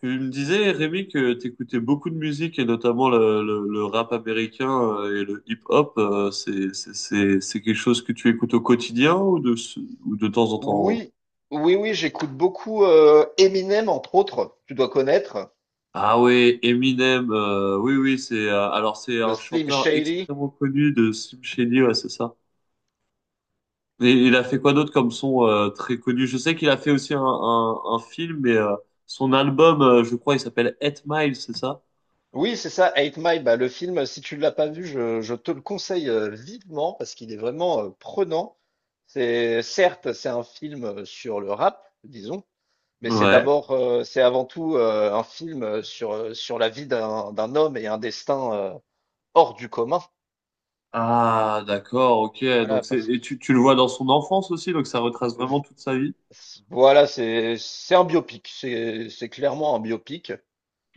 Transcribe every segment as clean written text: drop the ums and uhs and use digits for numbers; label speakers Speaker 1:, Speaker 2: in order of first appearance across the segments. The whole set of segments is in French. Speaker 1: Tu me disais, Rémi, que t'écoutais beaucoup de musique et notamment le rap américain et le hip-hop. C'est quelque chose que tu écoutes au quotidien ou ou de temps en temps?
Speaker 2: Oui, oui, oui, j'écoute beaucoup Eminem, entre autres, tu dois connaître,
Speaker 1: Ah ouais, Eminem. Oui, oui, c'est alors c'est
Speaker 2: le
Speaker 1: un
Speaker 2: Slim
Speaker 1: chanteur
Speaker 2: Shady.
Speaker 1: extrêmement connu de Slim Shady, ouais, c'est ça. Et il a fait quoi d'autre comme son très connu? Je sais qu'il a fait aussi un film, mais son album, je crois, il s'appelle Eight Mile, c'est ça?
Speaker 2: Oui, c'est ça, Eight Mile, bah, le film, si tu ne l'as pas vu, je te le conseille vivement parce qu'il est vraiment prenant. C'est, certes, c'est un film sur le rap, disons, mais c'est
Speaker 1: Ouais.
Speaker 2: d'abord, c'est avant tout un film sur, sur la vie d'un homme et un destin hors du commun.
Speaker 1: Ah, d'accord, ok.
Speaker 2: Voilà,
Speaker 1: Donc c'est
Speaker 2: parce que,
Speaker 1: et tu le vois dans son enfance aussi, donc ça retrace vraiment
Speaker 2: v-
Speaker 1: toute sa vie.
Speaker 2: voilà, c'est un biopic, c'est clairement un biopic.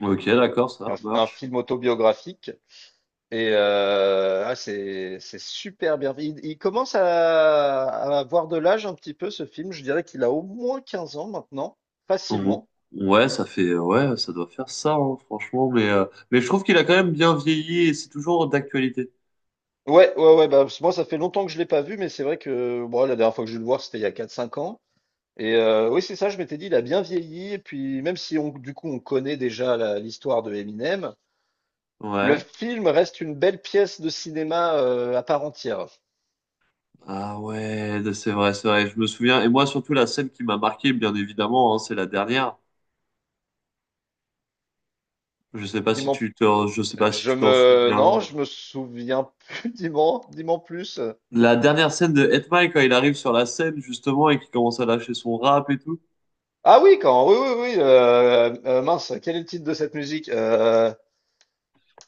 Speaker 1: Ok, d'accord, ça
Speaker 2: Un
Speaker 1: marche.
Speaker 2: film autobiographique. Et ah, c'est super bien. Il commence à avoir de l'âge un petit peu ce film. Je dirais qu'il a au moins 15 ans maintenant,
Speaker 1: Bon.
Speaker 2: facilement.
Speaker 1: Ouais, ça fait ouais, ça doit faire ça, hein, franchement. Mais je trouve qu'il a quand même bien vieilli et c'est toujours d'actualité.
Speaker 2: Ouais, ouais, ouais. Bah, moi, ça fait longtemps que je l'ai pas vu, mais c'est vrai que bon, la dernière fois que j'ai dû le voir, c'était il y a 4, 5 ans. Et oui, c'est ça. Je m'étais dit, il a bien vieilli. Et puis, même si on, du coup, on connaît déjà l'histoire de Eminem, le
Speaker 1: Ouais.
Speaker 2: film reste une belle pièce de cinéma à part entière.
Speaker 1: Ah ouais, c'est vrai, c'est vrai. Je me souviens. Et moi surtout la scène qui m'a marqué, bien évidemment, hein, c'est la dernière. Je sais pas si
Speaker 2: Dis-moi.
Speaker 1: je sais pas si tu t'en
Speaker 2: Non,
Speaker 1: souviens.
Speaker 2: je me souviens plus. Dis-moi, dis-moi plus.
Speaker 1: La dernière scène de Hetman quand il arrive sur la scène justement et qu'il commence à lâcher son rap et tout.
Speaker 2: Ah oui, oui, oui, oui. Mince, quel est le titre de cette musique?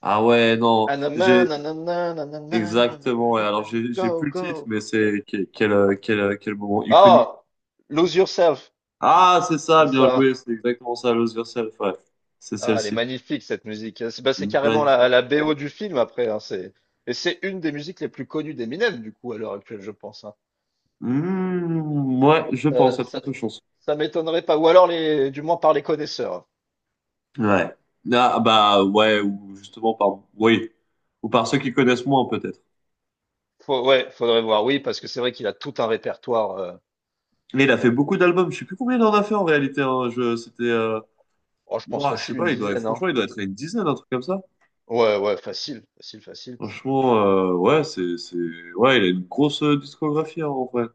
Speaker 1: Ah ouais, non,
Speaker 2: Anama,
Speaker 1: j'ai
Speaker 2: nanana, nanana,
Speaker 1: exactement. Ouais. Alors
Speaker 2: nanana,
Speaker 1: j'ai
Speaker 2: go,
Speaker 1: plus le titre,
Speaker 2: go.
Speaker 1: mais c'est quel moment iconique.
Speaker 2: Ah, Lose Yourself,
Speaker 1: Ah, c'est ça,
Speaker 2: c'est
Speaker 1: bien
Speaker 2: ça.
Speaker 1: joué, c'est exactement ça, Lose Yourself. Ouais, c'est
Speaker 2: Ah, elle est
Speaker 1: celle-ci.
Speaker 2: magnifique cette musique. C'est bah, c'est carrément
Speaker 1: Magnifique.
Speaker 2: la BO du film après, hein. Et c'est une des musiques les plus connues d'Eminem du coup à l'heure actuelle, je pense, hein.
Speaker 1: Mmh, ouais, je pense,
Speaker 2: Ça,
Speaker 1: à de
Speaker 2: ça,
Speaker 1: fortes chances.
Speaker 2: ça m'étonnerait pas. Ou alors les, du moins par les connaisseurs.
Speaker 1: Ouais. Ah bah ouais, ou justement par oui, ou par ceux qui connaissent moins peut-être.
Speaker 2: Ouais, faudrait voir, oui, parce que c'est vrai qu'il a tout un répertoire.
Speaker 1: Mais il a fait beaucoup d'albums. Je sais plus combien il en a fait en réalité. Hein. Je c'était
Speaker 2: Oh, je pense
Speaker 1: Ouah, je sais
Speaker 2: facile, une
Speaker 1: pas, il doit
Speaker 2: dizaine, hein.
Speaker 1: franchement, il doit être à une dizaine, un truc comme ça.
Speaker 2: Ouais, ouais, facile, facile, facile.
Speaker 1: Franchement, ouais, ouais, il a une grosse discographie, hein, en vrai.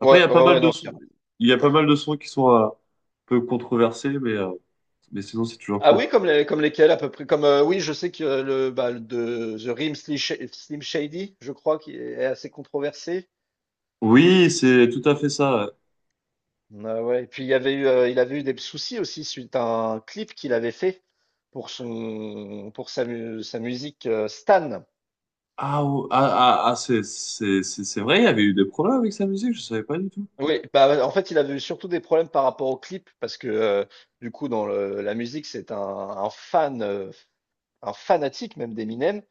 Speaker 1: Après, il
Speaker 2: Ouais,
Speaker 1: y a pas
Speaker 2: ouais,
Speaker 1: mal
Speaker 2: ouais,
Speaker 1: de
Speaker 2: non,
Speaker 1: sons,
Speaker 2: carrément.
Speaker 1: il y a pas mal de sons qui sont un peu controversés, mais sinon, c'est toujours
Speaker 2: Ah
Speaker 1: cool.
Speaker 2: oui, comme les, comme lesquels à peu près, comme oui, je sais que de The Rim Slim Shady, je crois, qui est assez controversé.
Speaker 1: Oui, c'est tout à fait ça.
Speaker 2: Ah ouais. Et puis il avait eu des soucis aussi suite à un clip qu'il avait fait pour son, pour sa, mu- sa musique Stan.
Speaker 1: C'est, c'est vrai, il y avait eu des problèmes avec sa musique, je savais pas du tout.
Speaker 2: Oui, bah, en fait, il avait eu surtout des problèmes par rapport au clip parce que du coup, dans la musique, c'est un fan, un fanatique même d'Eminem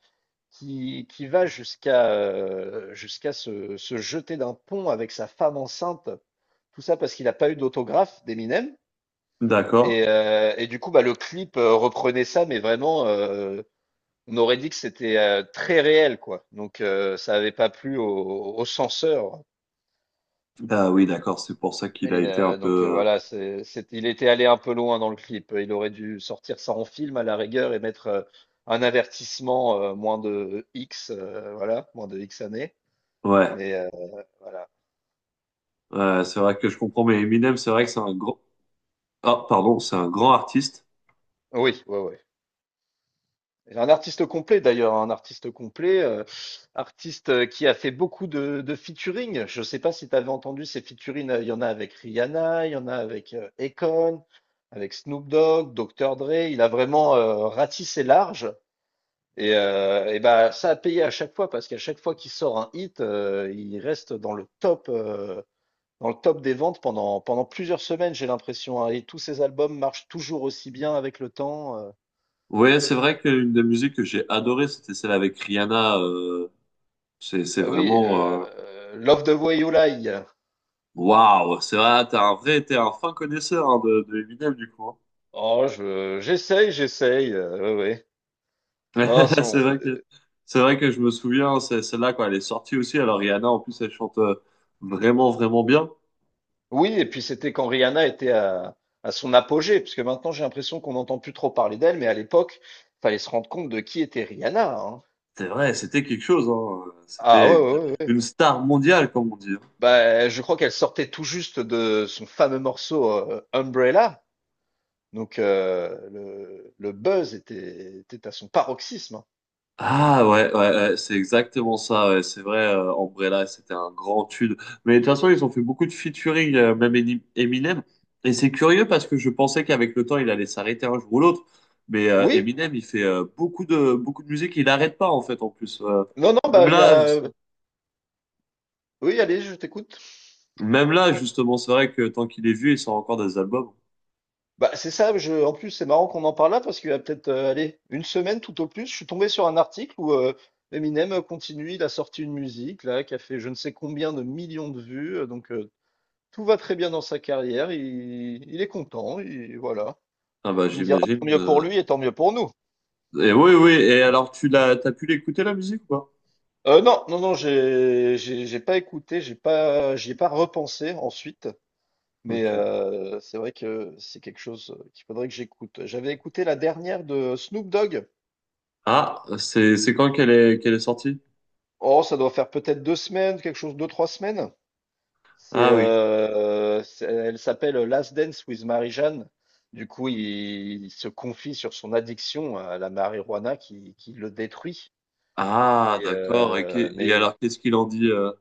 Speaker 2: qui va jusqu'à jusqu'à se jeter d'un pont avec sa femme enceinte. Tout ça parce qu'il n'a pas eu d'autographe d'Eminem.
Speaker 1: D'accord.
Speaker 2: Et du coup, bah, le clip reprenait ça, mais vraiment, on aurait dit que c'était très réel, quoi. Donc, ça n'avait pas plu au censeur.
Speaker 1: Ah oui, d'accord, c'est pour ça qu'il a
Speaker 2: Et
Speaker 1: été un
Speaker 2: donc
Speaker 1: peu,
Speaker 2: voilà, c'est, il était allé un peu loin dans le clip. Il aurait dû sortir ça en film à la rigueur et mettre un avertissement moins de X, voilà, moins de X années.
Speaker 1: ouais,
Speaker 2: Mais voilà.
Speaker 1: ouais, c'est vrai que je comprends, mais Eminem, c'est vrai que c'est un grand, ah, pardon, c'est un grand artiste.
Speaker 2: Oui, ouais, ouais. Et un artiste complet d'ailleurs, un artiste complet, artiste qui a fait beaucoup de featuring. Je sais pas si tu avais entendu ces featuring. Il y en a avec Rihanna, il y en a avec Akon, avec Snoop Dogg, Dr. Dre. Il a vraiment ratissé large. Et bah, ça a payé à chaque fois parce qu'à chaque fois qu'il sort un hit, il reste dans le top des ventes pendant plusieurs semaines, j'ai l'impression, hein. Et tous ses albums marchent toujours aussi bien avec le temps.
Speaker 1: Ouais, c'est vrai qu'une des musiques que j'ai adorée, c'était celle avec Rihanna. C'est, c'est
Speaker 2: Oui,
Speaker 1: vraiment... euh,
Speaker 2: Love the Way You Lie.
Speaker 1: Waouh! C'est vrai, t'es un fin connaisseur hein, de Eminem, du coup.
Speaker 2: Oh, j'essaye, j'essaye. Ouais, ouais.
Speaker 1: Hein.
Speaker 2: Non, son,
Speaker 1: C'est vrai que, c'est vrai que je me souviens, c'est celle-là, quand elle est sortie aussi. Alors Rihanna, en plus, elle chante vraiment, vraiment bien.
Speaker 2: oui, et puis c'était quand Rihanna était à son apogée, parce que maintenant j'ai l'impression qu'on n'entend plus trop parler d'elle, mais à l'époque, fallait se rendre compte de qui était Rihanna, hein.
Speaker 1: C'est vrai, c'était quelque chose. Hein.
Speaker 2: Ah
Speaker 1: C'était
Speaker 2: ouais, ouais, ouais, ouais.
Speaker 1: une star mondiale, comme on dit.
Speaker 2: Bah, je crois qu'elle sortait tout juste de son fameux morceau, Umbrella, donc le buzz était à son paroxysme, hein.
Speaker 1: Ah ouais, ouais, ouais, c'est exactement ça, ouais, c'est vrai, Umbrella, c'était un grand tube. Mais de toute façon, ils ont fait beaucoup de featuring, même Eni- Eminem. Et c'est curieux parce que je pensais qu'avec le temps, il allait s'arrêter un jour ou l'autre. Mais
Speaker 2: Oui,
Speaker 1: Eminem, il fait beaucoup de musique, il n'arrête pas en fait en plus.
Speaker 2: non, non,
Speaker 1: Même
Speaker 2: bah, il y
Speaker 1: là,
Speaker 2: a,
Speaker 1: c'est-
Speaker 2: oui, allez, je t'écoute.
Speaker 1: Même là, justement, c'est vrai que tant qu'il est vieux, il sort encore des albums.
Speaker 2: Bah, c'est ça, je en plus, c'est marrant qu'on en parle là parce qu'il y a peut-être, allez, une semaine tout au plus, je suis tombé sur un article où, Eminem, continue, il a sorti une musique là, qui a fait je ne sais combien de millions de vues, donc tout va très bien dans sa carrière, il est content, il voilà.
Speaker 1: Ah bah
Speaker 2: Tu me diras, tant
Speaker 1: j'imagine.
Speaker 2: mieux pour lui et tant mieux pour nous.
Speaker 1: Et oui, oui, et alors t'as pu l'écouter la musique ou pas?
Speaker 2: Non, non, non, j'ai pas écouté, j'ai pas, j'y ai pas repensé ensuite, mais
Speaker 1: Ok.
Speaker 2: c'est vrai que c'est quelque chose qu'il faudrait que j'écoute. J'avais écouté la dernière de Snoop Dogg.
Speaker 1: Ah, c'est quand qu'elle est sortie?
Speaker 2: Oh, ça doit faire peut-être 2 semaines, quelque chose, 2, 3 semaines. C'est,
Speaker 1: Ah oui.
Speaker 2: elle s'appelle Last Dance with Marie-Jeanne. Du coup, il se confie sur son addiction à la marijuana qui le détruit.
Speaker 1: Ah,
Speaker 2: Et,
Speaker 1: d'accord. Et
Speaker 2: mais
Speaker 1: alors, qu'est-ce qu'il en dit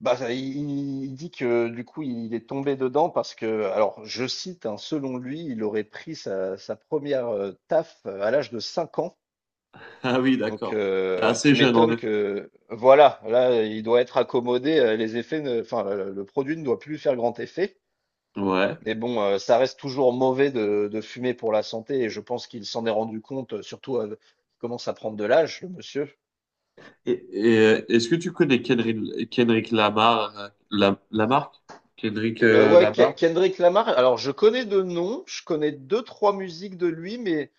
Speaker 2: bah, ça, il dit que du coup, il est tombé dedans parce que, alors je cite, hein, selon lui, il aurait pris sa première taf à l'âge de 5 ans.
Speaker 1: Ah oui,
Speaker 2: Donc,
Speaker 1: d'accord. C'est
Speaker 2: tu
Speaker 1: assez jeune, en
Speaker 2: m'étonnes
Speaker 1: effet.
Speaker 2: que, voilà, là, il doit être accommodé, les effets, enfin, le produit ne doit plus lui faire grand effet.
Speaker 1: Ouais.
Speaker 2: Mais bon, ça reste toujours mauvais de fumer pour la santé et je pense qu'il s'en est rendu compte, surtout il commence à prendre de l'âge, le monsieur.
Speaker 1: Est-ce que tu connais Kendrick Lamar, Lamarck? Kendrick
Speaker 2: Ouais,
Speaker 1: Lamar?
Speaker 2: Kendrick Lamar, alors je connais de nom, je connais deux, trois musiques de lui, mais.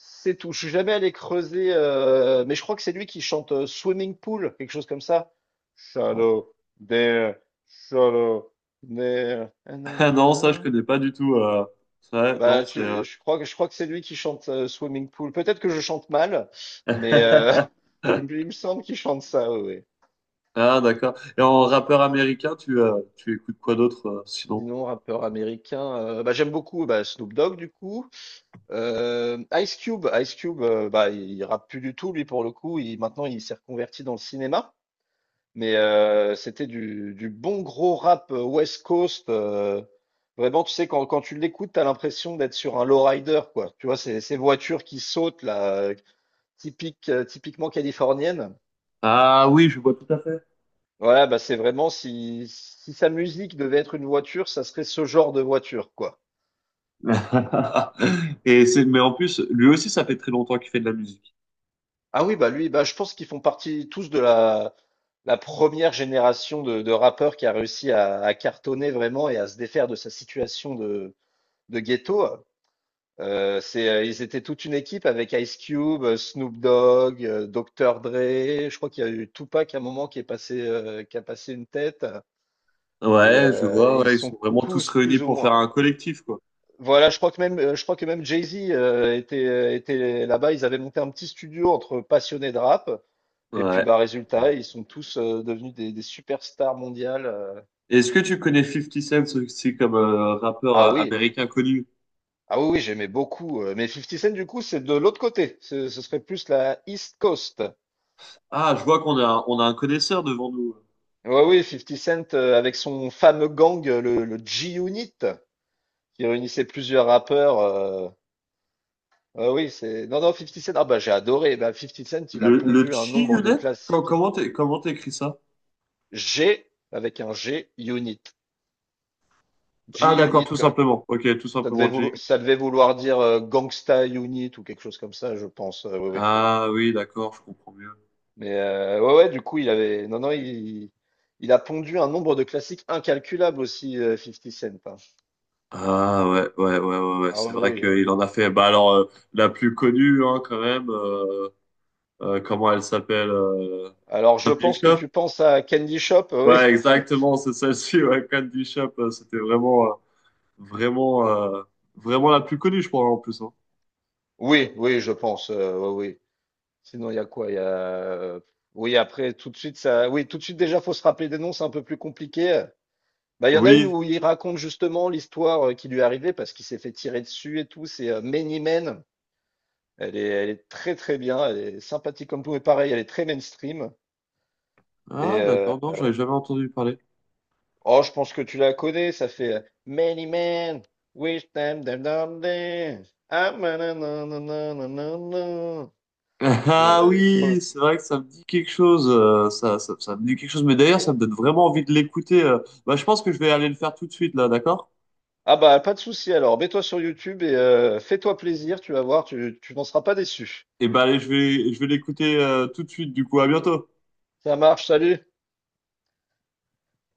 Speaker 2: C'est tout. Je suis jamais allé creuser, mais je crois que c'est lui qui chante Swimming Pool, quelque chose comme ça. Shallow there, shallow there. Ah,
Speaker 1: Ah non, ça, je
Speaker 2: nanana.
Speaker 1: connais pas du tout. Ouais, non,
Speaker 2: Bah,
Speaker 1: c'est...
Speaker 2: je crois que c'est lui qui chante Swimming Pool. Peut-être que je chante mal, mais il me semble qu'il chante ça. Ouais, ouais.
Speaker 1: Ah, d'accord. Et en rappeur américain, tu écoutes quoi d'autre, sinon?
Speaker 2: Sinon, rappeur américain, bah, j'aime beaucoup bah, Snoop Dogg du coup. Ice Cube, bah, il rappe plus du tout lui pour le coup. Il, maintenant, il s'est reconverti dans le cinéma. Mais c'était du bon gros rap West Coast. Vraiment, tu sais, quand tu l'écoutes, t'as l'impression d'être sur un lowrider, quoi. Tu vois, ces voitures qui sautent, là, typique, typiquement californienne.
Speaker 1: Ah oui, je vois tout à fait.
Speaker 2: Voilà, bah c'est vraiment si, si sa musique devait être une voiture, ça serait ce genre de voiture, quoi.
Speaker 1: Et c'est, mais en plus, lui aussi, ça fait très longtemps qu'il fait de la musique.
Speaker 2: Ah oui, bah lui, bah je pense qu'ils font partie tous de la première génération de rappeurs qui a réussi à cartonner vraiment et à se défaire de sa situation de ghetto. C'est, ils étaient toute une équipe avec Ice Cube, Snoop Dogg, Dr. Dre. Je crois qu'il y a eu Tupac à un moment qui est passé, qui a passé une tête. Et
Speaker 1: Ouais, je vois,
Speaker 2: ils
Speaker 1: ouais, ils sont
Speaker 2: sont
Speaker 1: vraiment tous
Speaker 2: tous
Speaker 1: réunis
Speaker 2: plus ou
Speaker 1: pour
Speaker 2: moins.
Speaker 1: faire un collectif, quoi.
Speaker 2: Voilà, je crois que même, je crois que même Jay-Z était là-bas. Ils avaient monté un petit studio entre passionnés de rap. Et puis,
Speaker 1: Ouais.
Speaker 2: bah, résultat, ils sont tous devenus des superstars mondiales.
Speaker 1: Est-ce que tu connais Fifty Cent aussi comme rappeur
Speaker 2: Ah oui,
Speaker 1: américain connu?
Speaker 2: ah oui, oui, j'aimais beaucoup. Mais 50 Cent, du coup, c'est de l'autre côté. Ce serait plus la East Coast.
Speaker 1: Ah, je vois qu'on a, on a un connaisseur devant nous.
Speaker 2: Ouais, oui, 50 Cent avec son fameux gang, le G-Unit, qui réunissait plusieurs rappeurs. Ouais, oui, c'est. Non, non, 50 Cent. Ah bah j'ai adoré. Bah, 50 Cent, il a
Speaker 1: Le
Speaker 2: pondu un nombre de
Speaker 1: G-Unit?
Speaker 2: classiques.
Speaker 1: Comment comment t'écris ça?
Speaker 2: G avec un G-Unit.
Speaker 1: Ah, d'accord,
Speaker 2: G-Unit,
Speaker 1: tout
Speaker 2: quoi.
Speaker 1: simplement. Ok, tout
Speaker 2: Ça devait
Speaker 1: simplement G.
Speaker 2: vouloir, ça devait vouloir dire Gangsta Unit ou quelque chose comme ça, je pense. Oui, oui.
Speaker 1: Ah oui, d'accord, je comprends mieux.
Speaker 2: Mais ouais, ouais, du coup, il avait. Non, non, il a pondu un nombre de classiques incalculables aussi, 50 Cent, hein.
Speaker 1: Ah ouais, ouais, ouais, ouais, ouais.
Speaker 2: Ah
Speaker 1: C'est
Speaker 2: oui,
Speaker 1: vrai
Speaker 2: oui.
Speaker 1: qu'il en a fait. Bah alors, la plus connue, hein, quand même. Comment elle s'appelle?
Speaker 2: Alors, je pense que tu penses à Candy Shop, oui.
Speaker 1: Ouais, exactement, c'est celle-ci, ouais, Candy du Shop, c'était vraiment, vraiment, euh, vraiment la plus connue, je crois, en plus. Hein.
Speaker 2: Oui, oui, je pense, oui. Oui. Sinon, il y a quoi? Il y a... oui, après, tout de suite, ça... Oui, tout de suite, déjà, faut se rappeler des noms, c'est un peu plus compliqué. Bah, il y en a une
Speaker 1: Oui.
Speaker 2: où il raconte justement l'histoire qui lui est arrivée parce qu'il s'est fait tirer dessus et tout. C'est Many Men. Elle est très, très bien. Elle est sympathique comme tout. Et pareil, elle est très mainstream.
Speaker 1: Ah,
Speaker 2: Et
Speaker 1: d'accord, non, j'avais jamais entendu parler.
Speaker 2: oh, je pense que tu la connais, ça fait Many men wish them them them them. Ah, manananananana. Je-
Speaker 1: Ah
Speaker 2: il faut-
Speaker 1: oui, c'est vrai que ça me dit quelque chose, ça me dit quelque chose, mais d'ailleurs, ça me donne vraiment envie de l'écouter. Bah, je pense que je vais aller le faire tout de suite, là, d'accord?
Speaker 2: Ah bah, pas de souci alors. Mets-toi sur YouTube et fais-toi plaisir, tu vas voir, tu n'en seras pas déçu.
Speaker 1: Et bah, allez, je vais l'écouter, tout de suite, du coup, à bientôt.
Speaker 2: Ça marche, salut.